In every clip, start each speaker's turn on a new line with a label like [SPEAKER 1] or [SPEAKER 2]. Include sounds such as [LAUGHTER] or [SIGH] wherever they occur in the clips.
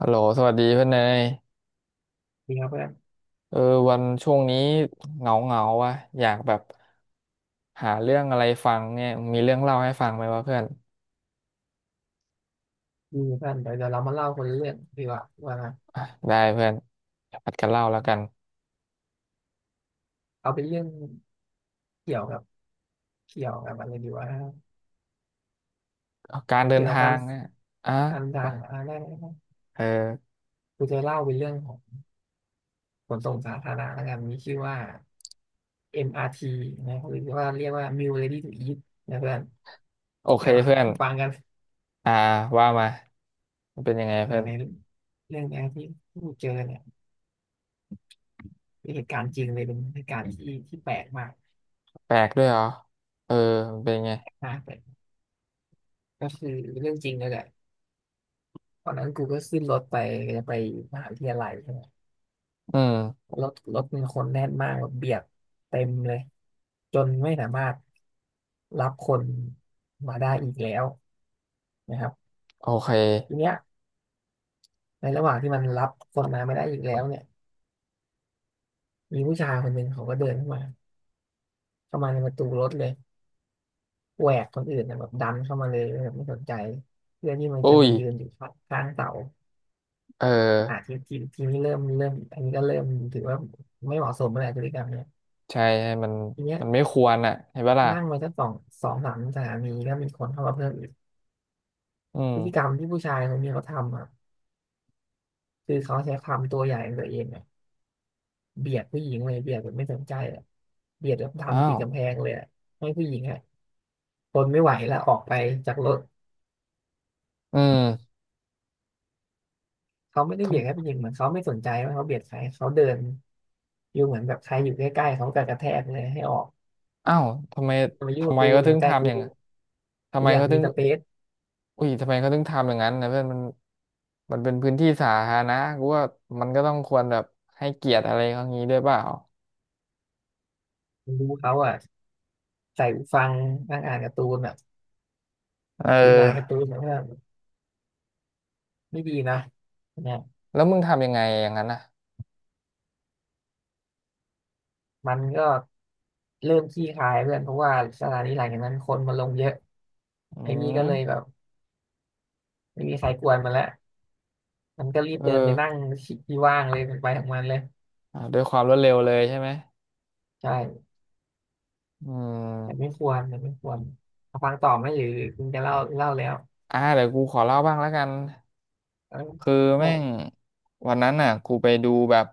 [SPEAKER 1] ฮัลโหลสวัสดีเพื่อนเนย
[SPEAKER 2] มีครับเพื่อน
[SPEAKER 1] เออวันช่วงนี้เหงาเหงาวะอยากแบบหาเรื่องอะไรฟังเนี่ยมีเรื่องเล่าให้ฟังไหมวะเพื่อน
[SPEAKER 2] มีเพื่อนเดี๋ยวเดี๋ยวเรามาเล่าคนละเรื่องดีกว่าว่า
[SPEAKER 1] อ่ะได้เพื่อนเดี๋ยวผัดกันเล่าแล้วกัน
[SPEAKER 2] เอาเป็นเรื่องเกี่ยวกับเกี่ยวกับอะไรดีว่า
[SPEAKER 1] เอาการเดิ
[SPEAKER 2] เกี่
[SPEAKER 1] น
[SPEAKER 2] ยวกับ
[SPEAKER 1] ทา
[SPEAKER 2] กา
[SPEAKER 1] ง
[SPEAKER 2] ร
[SPEAKER 1] เนี่ยอ่ะ
[SPEAKER 2] การทา
[SPEAKER 1] ว่า
[SPEAKER 2] งได้ได้
[SPEAKER 1] เออ
[SPEAKER 2] กูจะเล่าเป็นเรื่องของขนส่งสาธารณะแล้วกันมีชื่อว่า MRT นะหรือว่าเรียกว่า Meal Ready to Eat นะเพื่อน
[SPEAKER 1] โอเค
[SPEAKER 2] เดี๋ยว
[SPEAKER 1] เพื่อน
[SPEAKER 2] ฟังกัน
[SPEAKER 1] อ่าว่ามามันเป็นยังไงเพื่อน
[SPEAKER 2] ในเรื่องแรกที่กูเจอเนี่ยเป็นเหตุการณ์จริงเลยเป็นเหตุการณ์ที่แปลกมาก
[SPEAKER 1] แปลกด้วยเหรอเออมันเป็นยังไง
[SPEAKER 2] นะแต่ก็คือเรื่องจริงเลยแหละตอนนั้นกูก็ขึ้นรถไปจะไปมหาวิทยาลัยใช่ไหม
[SPEAKER 1] อืม
[SPEAKER 2] รถมีคนแน่นมากแบบเบียดเต็มเลยจนไม่สามารถรับคนมาได้อีกแล้วนะครับ
[SPEAKER 1] โอเค
[SPEAKER 2] ทีเนี้ยในระหว่างที่มันรับคนมาไม่ได้อีกแล้วเนี่ยมีผู้ชายคนหนึ่งเขาก็เดินเข้ามาเข้ามาในประตูรถเลยแหวกคนอื่นนะแบบดันเข้ามาเลยแบบไม่สนใจเพื่อที่มัน
[SPEAKER 1] อุ้
[SPEAKER 2] จะ
[SPEAKER 1] ย
[SPEAKER 2] มายืนอยู่ข้างเสา
[SPEAKER 1] เออ
[SPEAKER 2] อ่ะทีทีทีนี้เริ่มเริ่มอันนี้ก็เริ่มถือว่าไม่เหมาะสมแล้วแหละพฤติกรรมเนี่ย
[SPEAKER 1] ใช่ใช่มัน
[SPEAKER 2] ทีเนี้ย
[SPEAKER 1] มันไม่ควรอ่ะเห็นปะล่ะ
[SPEAKER 2] นั่งมาสักสองสามสถานีก็มีคนเข้ามาเพิ่มอีก
[SPEAKER 1] อื
[SPEAKER 2] พ
[SPEAKER 1] ม
[SPEAKER 2] ฤติกรรมที่ผู้ชายคนนี้เขาทำอ่ะคือเขาใช้ความตัวใหญ่ของตัวเองอ่ะเบียดผู้หญิงเลยเบียดแบบไม่สนใจอ่ะเบียดแล้วทำ
[SPEAKER 1] อ้า
[SPEAKER 2] ติ
[SPEAKER 1] ว
[SPEAKER 2] ดกำแพงเลยอะให้ผู้หญิงอ่ะทนไม่ไหวแล้วออกไปจากรถ
[SPEAKER 1] อืม
[SPEAKER 2] เขาไม่ได้เบียดแค่ผู้หญิงเหมือนเขาไม่สนใจว่าเขาเบียดใครเขาเดินอยู่เหมือนแบบใครอยู่ใกล้ๆเขากระแทกเลยให้ออก
[SPEAKER 1] อ้าวทำไม
[SPEAKER 2] อย่ามายุ่ง
[SPEAKER 1] ทำ
[SPEAKER 2] กับ
[SPEAKER 1] ไม
[SPEAKER 2] กู
[SPEAKER 1] ก็
[SPEAKER 2] อ
[SPEAKER 1] ถึ
[SPEAKER 2] ย่า
[SPEAKER 1] ง
[SPEAKER 2] มาใกล้
[SPEAKER 1] ทำอ
[SPEAKER 2] กู
[SPEAKER 1] ย่างทำ
[SPEAKER 2] กู
[SPEAKER 1] ไม
[SPEAKER 2] อยาก
[SPEAKER 1] เขาถึ
[SPEAKER 2] มี
[SPEAKER 1] ง
[SPEAKER 2] สเปซ
[SPEAKER 1] อุ้ยทำไมเขาถึงทำอย่างนั้นนะเพื่อนมันมันเป็นพื้นที่สาธารณะกูว่ามันก็ต้องควรแบบให้เกียรติอะไรเขางี้ด้วยเปล่า
[SPEAKER 2] ดูเขาอ่ะใส่หูฟังนั่งอ่านการ์ตูนแบบ
[SPEAKER 1] เ
[SPEAKER 2] หรืออ่านการ์
[SPEAKER 1] ออ
[SPEAKER 2] ตูนแบบว่าไม่ดีนะนะ
[SPEAKER 1] แล้วมึงทำยังไงอย่างนั้นน่ะ
[SPEAKER 2] มันก็เริ่มขี้คายเพื่อนเพราะว่าสถานทีหลังจากนั้นคนมาลงเยอะ
[SPEAKER 1] อื
[SPEAKER 2] ไอ้นี่ก็เลยแบ
[SPEAKER 1] ม
[SPEAKER 2] บไม่มีใครกวนมันแล้วมันก็รีบ
[SPEAKER 1] เอ
[SPEAKER 2] เดินไปนั่
[SPEAKER 1] อ
[SPEAKER 2] งที่ว่างเลยมันไปของมันเลย
[SPEAKER 1] อ่ะด้วยความรวดเร็วเลยใช่ไหม
[SPEAKER 2] ใช่
[SPEAKER 1] อื
[SPEAKER 2] แต่ไม่
[SPEAKER 1] ม
[SPEAKER 2] ควรแต่ไม่ควรเอาฟังต่อไหมหรือคุณจะเล่าเล่าแล้ว
[SPEAKER 1] อ่าเดี๋ยวกูขอเล่าบ้างแล้วกัน
[SPEAKER 2] เออ
[SPEAKER 1] คือ
[SPEAKER 2] ก็
[SPEAKER 1] แม่งวันนั้นน่ะกูไปดูแบบ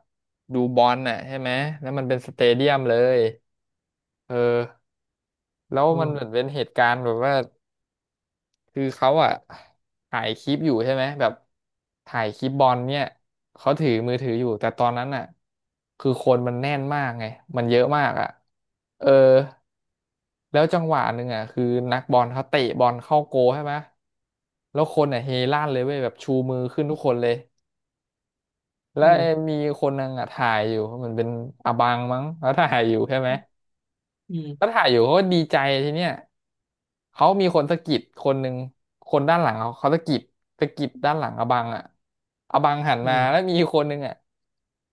[SPEAKER 1] ดูบอลน่ะใช่ไหมแล้วมันเป็นสเตเดียมเลยเออแล้ว
[SPEAKER 2] อื
[SPEAKER 1] มันเหมือน
[SPEAKER 2] ม
[SPEAKER 1] เป็นเหตุการณ์แบบว่า คือเขาอ่ะถ่ายคลิปอยู่ใช่ไหมแบบถ่ายคลิปบอลเนี่ยเขาถือมือถืออยู่แต่ตอนนั้นอ่ะคือคนมันแน่นมากไงมันเยอะมากอ่ะเออแล้วจังหวะหนึ่งอ่ะคือนักบอลเขาเตะบอลเข้าโกลใช่ไหมแล้วคนอ่ะเฮลั่นเลยเว้ยแบบชูมือขึ้นทุกคนเลยแล้
[SPEAKER 2] อื
[SPEAKER 1] ว
[SPEAKER 2] ม
[SPEAKER 1] มีคนนึงอ่ะถ่ายอยู่มันเป็นอบังมั้งแล้วถ่ายอยู่ใช่ไหม
[SPEAKER 2] อื
[SPEAKER 1] ก็
[SPEAKER 2] ม
[SPEAKER 1] ถ่ายอยู่เขาก็ดีใจทีเนี้ยเขามีคนสะกิดคนหนึ่งคนด้านหลังเขาเขาสะกิดด้านหลังอบังอ่ะอบังหัน
[SPEAKER 2] อื
[SPEAKER 1] มาแล้ว
[SPEAKER 2] ม
[SPEAKER 1] มีคนหนึ่งอ่ะ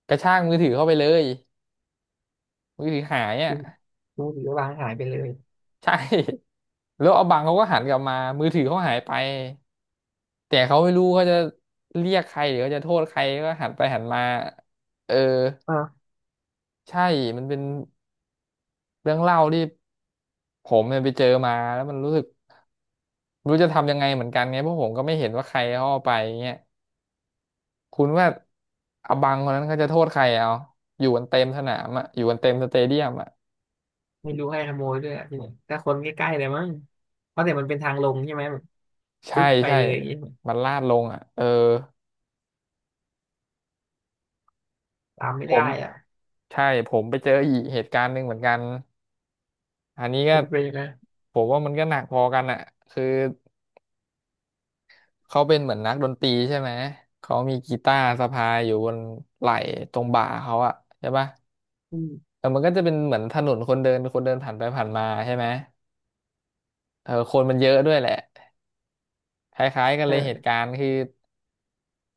[SPEAKER 1] กระชากมือถือเข้าไปเลยมือถือหายอ่ะ
[SPEAKER 2] คุณคุณถือว่าวางหายไปเลย
[SPEAKER 1] [LAUGHS] ใช่แล้วอบังเขาก็หันกลับมามือถือเขาหายไปแต่เขาไม่รู้เขาจะเรียกใครหรือเขาจะโทษใครก็หันไปหันมาเออ
[SPEAKER 2] อ่า
[SPEAKER 1] ใช่มันเป็นเรื่องเล่าที่ผมเนี่ยไปเจอมาแล้วมันรู้สึก ไม่รู้จะทำยังไงเหมือนกันไงเพราะผมก็ไม่เห็นว่าใครเขาเอาไปเงี้ยคุณว่าอบังคนนั้นเขาจะโทษใครเอาอยู่กันเต็มสนามอ่ะอยู่กันเต็มสเตเดียมอ่ะ
[SPEAKER 2] ไม่รู้ให้ขโมยด้วยอะที่ไหนแต่คนใกล้ๆเลยมั้งเพราะแต่มันเป็นทางลงใช่ไหมแบบ
[SPEAKER 1] ใช่
[SPEAKER 2] ปึ๊บไป
[SPEAKER 1] ใช่
[SPEAKER 2] เลยอย่างงี้
[SPEAKER 1] มันลาดลงอ่ะเออ
[SPEAKER 2] ตามไม่
[SPEAKER 1] ผ
[SPEAKER 2] ได้
[SPEAKER 1] ม
[SPEAKER 2] อ่ะ
[SPEAKER 1] ใช่ผมไปเจออีกเหตุการณ์หนึ่งเหมือนกันอันนี้ก็
[SPEAKER 2] เป็นไปนะ
[SPEAKER 1] ผมว่ามันก็หนักพอกันอ่ะคือเขาเป็นเหมือนนักดนตรีใช่ไหมเขามีกีตาร์สะพายอยู่บนไหล่ตรงบ่าเขาอ่ะใช่ปะ
[SPEAKER 2] อืม
[SPEAKER 1] แต่มันก็จะเป็นเหมือนถนนคนเดินคนเดินผ่านไปผ่านมาใช่ไหม เออคนมันเยอะด้วยแหละคล้ายๆกันเลยเหตุ
[SPEAKER 2] เออ
[SPEAKER 1] การณ์คือ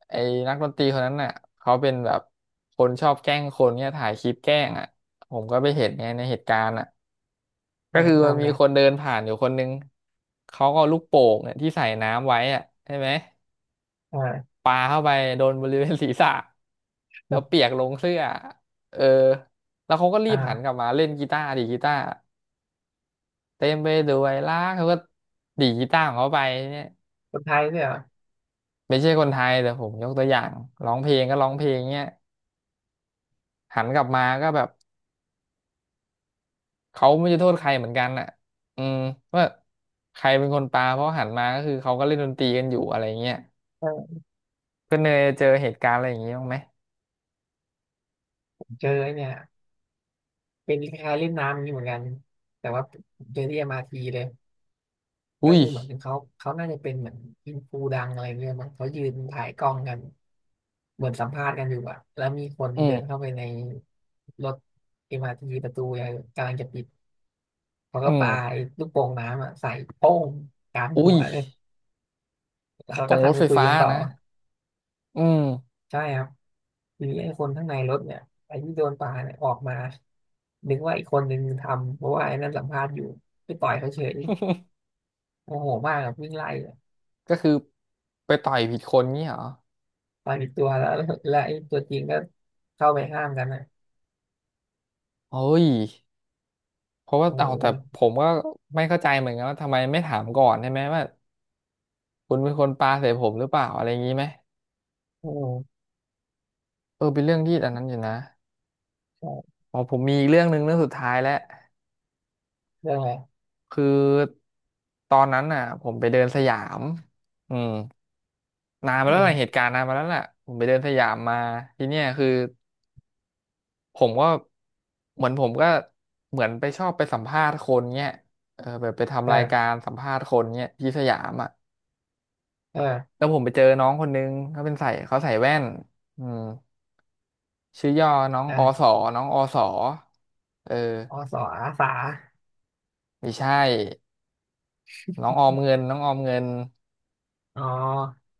[SPEAKER 1] ไอ้นักดนตรีคนนั้นน่ะเขาเป็นแบบคนชอบแกล้งคนเนี่ยถ่ายคลิปแกล้งอ่ะผมก็ไปเห็นไงในเหตุการณ์อ่ะ
[SPEAKER 2] เอ
[SPEAKER 1] ก็
[SPEAKER 2] อ
[SPEAKER 1] คือ
[SPEAKER 2] เขา
[SPEAKER 1] มัน
[SPEAKER 2] ทำ
[SPEAKER 1] มี
[SPEAKER 2] ไง
[SPEAKER 1] คนเดินผ่านอยู่คนนึงเขาก็เอาลูกโป่งเนี่ยที่ใส่น้ำไว้อ่ะใช่ไหม
[SPEAKER 2] อ่า
[SPEAKER 1] ปาเข้าไปโดนบริเวณศีรษะแล้วเปียกลงเสื้อเออแล้วเขาก็รีบหันกลั
[SPEAKER 2] อ่า
[SPEAKER 1] บมาเล่นกีตาร์ดีดกีตาร์เต็มไปด้วยรักเขาก็ดีดกีตาร์ของเขาไปเนี่ย
[SPEAKER 2] คนไทยเนี่ยเหรอ
[SPEAKER 1] ไม่ใช่คนไทยแต่ผมยกตัวอย่างร้องเพลงก็ร้องเพลงเนี้ยหันกลับมาก็แบบเขาไม่จะโทษใครเหมือนกันอ่ะอืมว่าใครเป็นคนปาเพราะหันมาก็คือเขาก็เล่นดนตรีกันอยู่อะไรเงี้ย
[SPEAKER 2] เออ
[SPEAKER 1] ก็เนยเจอเหตุการณ์อะไรอย่างงี้บ้างไหม
[SPEAKER 2] เจอไอ้เนี่ยเป็นคล้ายๆเล่นน้ำอย่างนี้เหมือนกันแต่ว่าเจอที่ MRT เลยก็
[SPEAKER 1] อุ้ย
[SPEAKER 2] คือเหมือนเขาน่าจะเป็นเหมือนอินฟูดังอะไรเงี้ยมั้งเขายืนถ่ายกล้องกันเหมือนสัมภาษณ์กันอยู่อะแล้วมีคน
[SPEAKER 1] อื
[SPEAKER 2] เดินเข้า
[SPEAKER 1] ม
[SPEAKER 2] ไปในรถ MRT ประตูอะไกำลังจะปิดเขาก็
[SPEAKER 1] อืม
[SPEAKER 2] ปาไอ้ลูกโป่งน้ำอะใส่โป้งกลาง
[SPEAKER 1] อุ้
[SPEAKER 2] หั
[SPEAKER 1] ย
[SPEAKER 2] วเลยแล้วเขา
[SPEAKER 1] ตร
[SPEAKER 2] ก็
[SPEAKER 1] งร
[SPEAKER 2] ทำ
[SPEAKER 1] ถ
[SPEAKER 2] ไป
[SPEAKER 1] ไฟ
[SPEAKER 2] คุย
[SPEAKER 1] ฟ้า
[SPEAKER 2] กันต่อ
[SPEAKER 1] นะอืม
[SPEAKER 2] ใช่ครับ หรือไอ้คนข้างในรถเนี่ยไอ้ที่โดนปาเนี่ยออกมานึกว่าอีกคนนึงทำเพราะว่าไอ้นั่นสัมภาษณ์อยู่ไปต่อยเขาเฉย
[SPEAKER 1] [LAUGHS]
[SPEAKER 2] โมโหมากกับวิ่งไล่อะ
[SPEAKER 1] ก็คือไปต่อยผิดคนงี้เหรอ
[SPEAKER 2] ต่อยผิดตัวแล้ว [LAUGHS] แล้วแล้วไอ้ตัวจริงก็เข้าไปห้ามกันนะ
[SPEAKER 1] เฮ้ยเพราะว่า
[SPEAKER 2] เ
[SPEAKER 1] เอาแต่
[SPEAKER 2] อ
[SPEAKER 1] ผ
[SPEAKER 2] อ
[SPEAKER 1] มก็ไม่เข้าใจเหมือนกันว่าทำไมไม่ถามก่อนใช่ไหมว่าคุณเป็นคนปาใส่ผมหรือเปล่าอะไรอย่างนี้ไหม
[SPEAKER 2] โอ้
[SPEAKER 1] เออเป็นเรื่องที่อันนั้นอยู่นะ
[SPEAKER 2] ใช่
[SPEAKER 1] อ๋อผมมีอีกเรื่องหนึ่งเรื่องสุดท้ายแล้ว
[SPEAKER 2] เรื่องอะไร
[SPEAKER 1] คือตอนนั้นน่ะผมไปเดินสยามอืมนานมา
[SPEAKER 2] อื
[SPEAKER 1] แล้วล่ะเห
[SPEAKER 2] ม
[SPEAKER 1] ตุการณ์นานมาแล้วล่ะผมไปเดินสยามมาทีเนี้ยคือผมก็เหมือนผมก็เหมือนไปชอบไปสัมภาษณ์คนเงี้ยเออแบบไป
[SPEAKER 2] เอ
[SPEAKER 1] ทำรายกา
[SPEAKER 2] อ
[SPEAKER 1] รสัมภาษณ์คนเงี้ยที่สยามอ่ะ
[SPEAKER 2] เออ
[SPEAKER 1] แล้วผมไปเจอน้องคนนึงเขาเป็นใส่เขาใส่แว่นอืมชื่อย่อน้อง
[SPEAKER 2] อ่ะ
[SPEAKER 1] อสอน้องอสอเออ
[SPEAKER 2] อสออาสา
[SPEAKER 1] ไม่ใช่ น้องออมเงินน้องออมเงิน
[SPEAKER 2] อ๋อ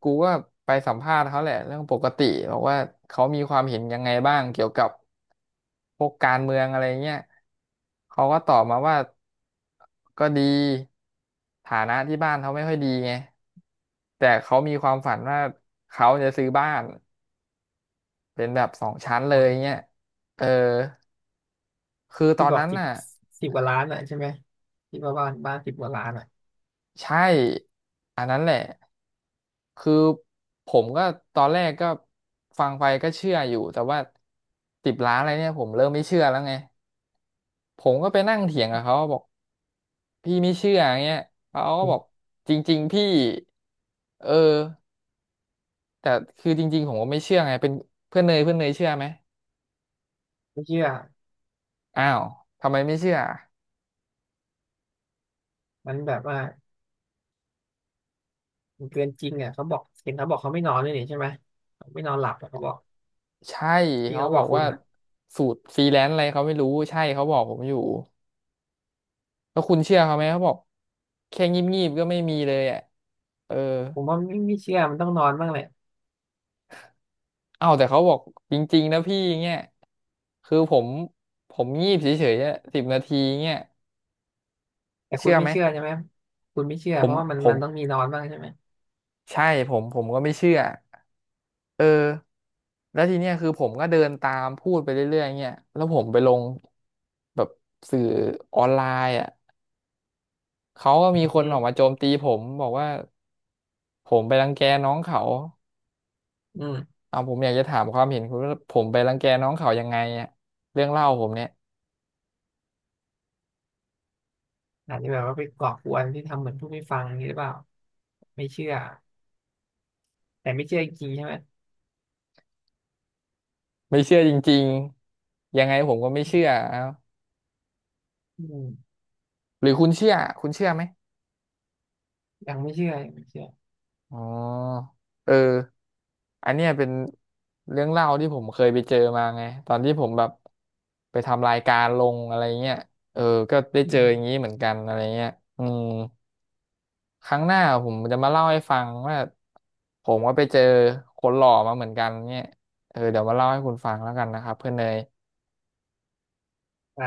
[SPEAKER 1] กูก็ไปสัมภาษณ์เขาแหละเรื่องปกติบอกว่าเขามีความเห็นยังไงบ้างเกี่ยวกับพวกการเมืองอะไรเงี้ยเขาก็ตอบมาว่าก็ดีฐานะที่บ้านเขาไม่ค่อยดีไงแต่เขามีความฝันว่าเขาจะซื้อบ้านเป็นแบบสองชั้นเล
[SPEAKER 2] อ๋
[SPEAKER 1] ย
[SPEAKER 2] อ
[SPEAKER 1] เงี้ยเออคือตอ
[SPEAKER 2] ที่
[SPEAKER 1] น
[SPEAKER 2] บอก
[SPEAKER 1] นั้น
[SPEAKER 2] สิบ
[SPEAKER 1] น่ะ
[SPEAKER 2] สิบกว่าล้านอ่ะใช่ไหมที่ว่าบ้านสิบกว่าล้านอ่ะ
[SPEAKER 1] ใช่อันนั้นแหละคือผมก็ตอนแรกก็ฟังไปก็เชื่ออยู่แต่ว่าสิบล้านอะไรเนี่ยผมเริ่มไม่เชื่อแล้วไงผมก็ไปนั่งเถียงกับเขาบอกพี่ไม่เชื่ออย่างเงี้ยเขาก็
[SPEAKER 2] อื
[SPEAKER 1] บอก
[SPEAKER 2] ม
[SPEAKER 1] จริงๆพี่เออแต่คือจริงๆผมก็ไม่เชื่อไงเป็นเพื่อนเนยเชื่อไหม
[SPEAKER 2] ไม่เชื่อ
[SPEAKER 1] อ้าวทำไมไม่เชื่อ
[SPEAKER 2] มันแบบว่า เกินจริงอ่ะเขาบอกเห็นเขาบอกเขาไม่นอนเลยนี่ใช่ไหมเขาไม่นอนหลับอะเขาบอก
[SPEAKER 1] ใช่
[SPEAKER 2] ที่
[SPEAKER 1] เขา
[SPEAKER 2] เขาบ
[SPEAKER 1] บ
[SPEAKER 2] อ
[SPEAKER 1] อ
[SPEAKER 2] ก
[SPEAKER 1] ก
[SPEAKER 2] คุ
[SPEAKER 1] ว่า
[SPEAKER 2] ณอ่ะ
[SPEAKER 1] สูตรฟรีแลนซ์อะไรเขาไม่รู้ใช่เขาบอกผมอยู่แล้วคุณเชื่อเขาไหมเขาบอก แค่งีบงีบก็ไม่มีเลยอ่ะเออ
[SPEAKER 2] ผมว่าไม่เชื่อมันต้องนอนบ้างแหละ
[SPEAKER 1] เอ้าแต่เขาบอกจริงๆนะพี่เงี้ยคือผมงีบเฉยๆอะ10 นาทีเงี้ย
[SPEAKER 2] แต่คุ
[SPEAKER 1] เชื่
[SPEAKER 2] ณ
[SPEAKER 1] อ
[SPEAKER 2] ไม่
[SPEAKER 1] ไหม
[SPEAKER 2] เชื่อใช่ไหมคุณไม่เชื่อ
[SPEAKER 1] ผ
[SPEAKER 2] เพ
[SPEAKER 1] ม
[SPEAKER 2] ราะว่ามัน
[SPEAKER 1] ผ
[SPEAKER 2] มั
[SPEAKER 1] ม
[SPEAKER 2] นต้องมีนอนบ้างใช่ไหม
[SPEAKER 1] ใช่ผมก็ไม่เชื่อเออแล้วทีเนี้ยคือผมก็เดินตามพูดไปเรื่อยๆเงี้ยแล้วผมไปลงแบบสื่อออนไลน์อ่ะเขาก็มีค
[SPEAKER 2] อื
[SPEAKER 1] นอ
[SPEAKER 2] ม
[SPEAKER 1] อกมาโจมตีผมบอกว่าผมไปรังแกน้องเขา
[SPEAKER 2] อืม
[SPEAKER 1] เอาผมอยากจะถามความเห็นคุณว่าผมไปรังแกน้องเขายังไงอ่ะเรื่องเล่าผมเนี่ย
[SPEAKER 2] อาจจะแบบว่าไปก่อกวนที่ทำเหมือนผู้ไม่ฟังอย่างนี้หรือเปล่าไม่เชื่อแต่ไม่เชื่อจริงๆใช่ไหม
[SPEAKER 1] ไม่เชื่อจริงๆยังไงผมก็ไม่เชื่อเอ้า
[SPEAKER 2] อืม
[SPEAKER 1] หรือคุณเชื่อไหม
[SPEAKER 2] ยังไม่เชื่อยังไม่เชื่อ
[SPEAKER 1] อ๋อเอออันเนี้ยเป็นเรื่องเล่าที่ผมเคยไปเจอมาไงตอนที่ผมแบบไปทำรายการลงอะไรเงี้ยเออก็ได้
[SPEAKER 2] อื
[SPEAKER 1] เจออย่างนี้
[SPEAKER 2] ม
[SPEAKER 1] เหมือนกันอะไรเงี้ยอืมครั้งหน้าผมจะมาเล่าให้ฟังว่าผมก็ไปเจอคนหล่อมาเหมือนกันเนี่ยเออเดี๋ยวมาเล่าให้คุณฟังแล้วกันนะครับเพื่อนเนย
[SPEAKER 2] ได้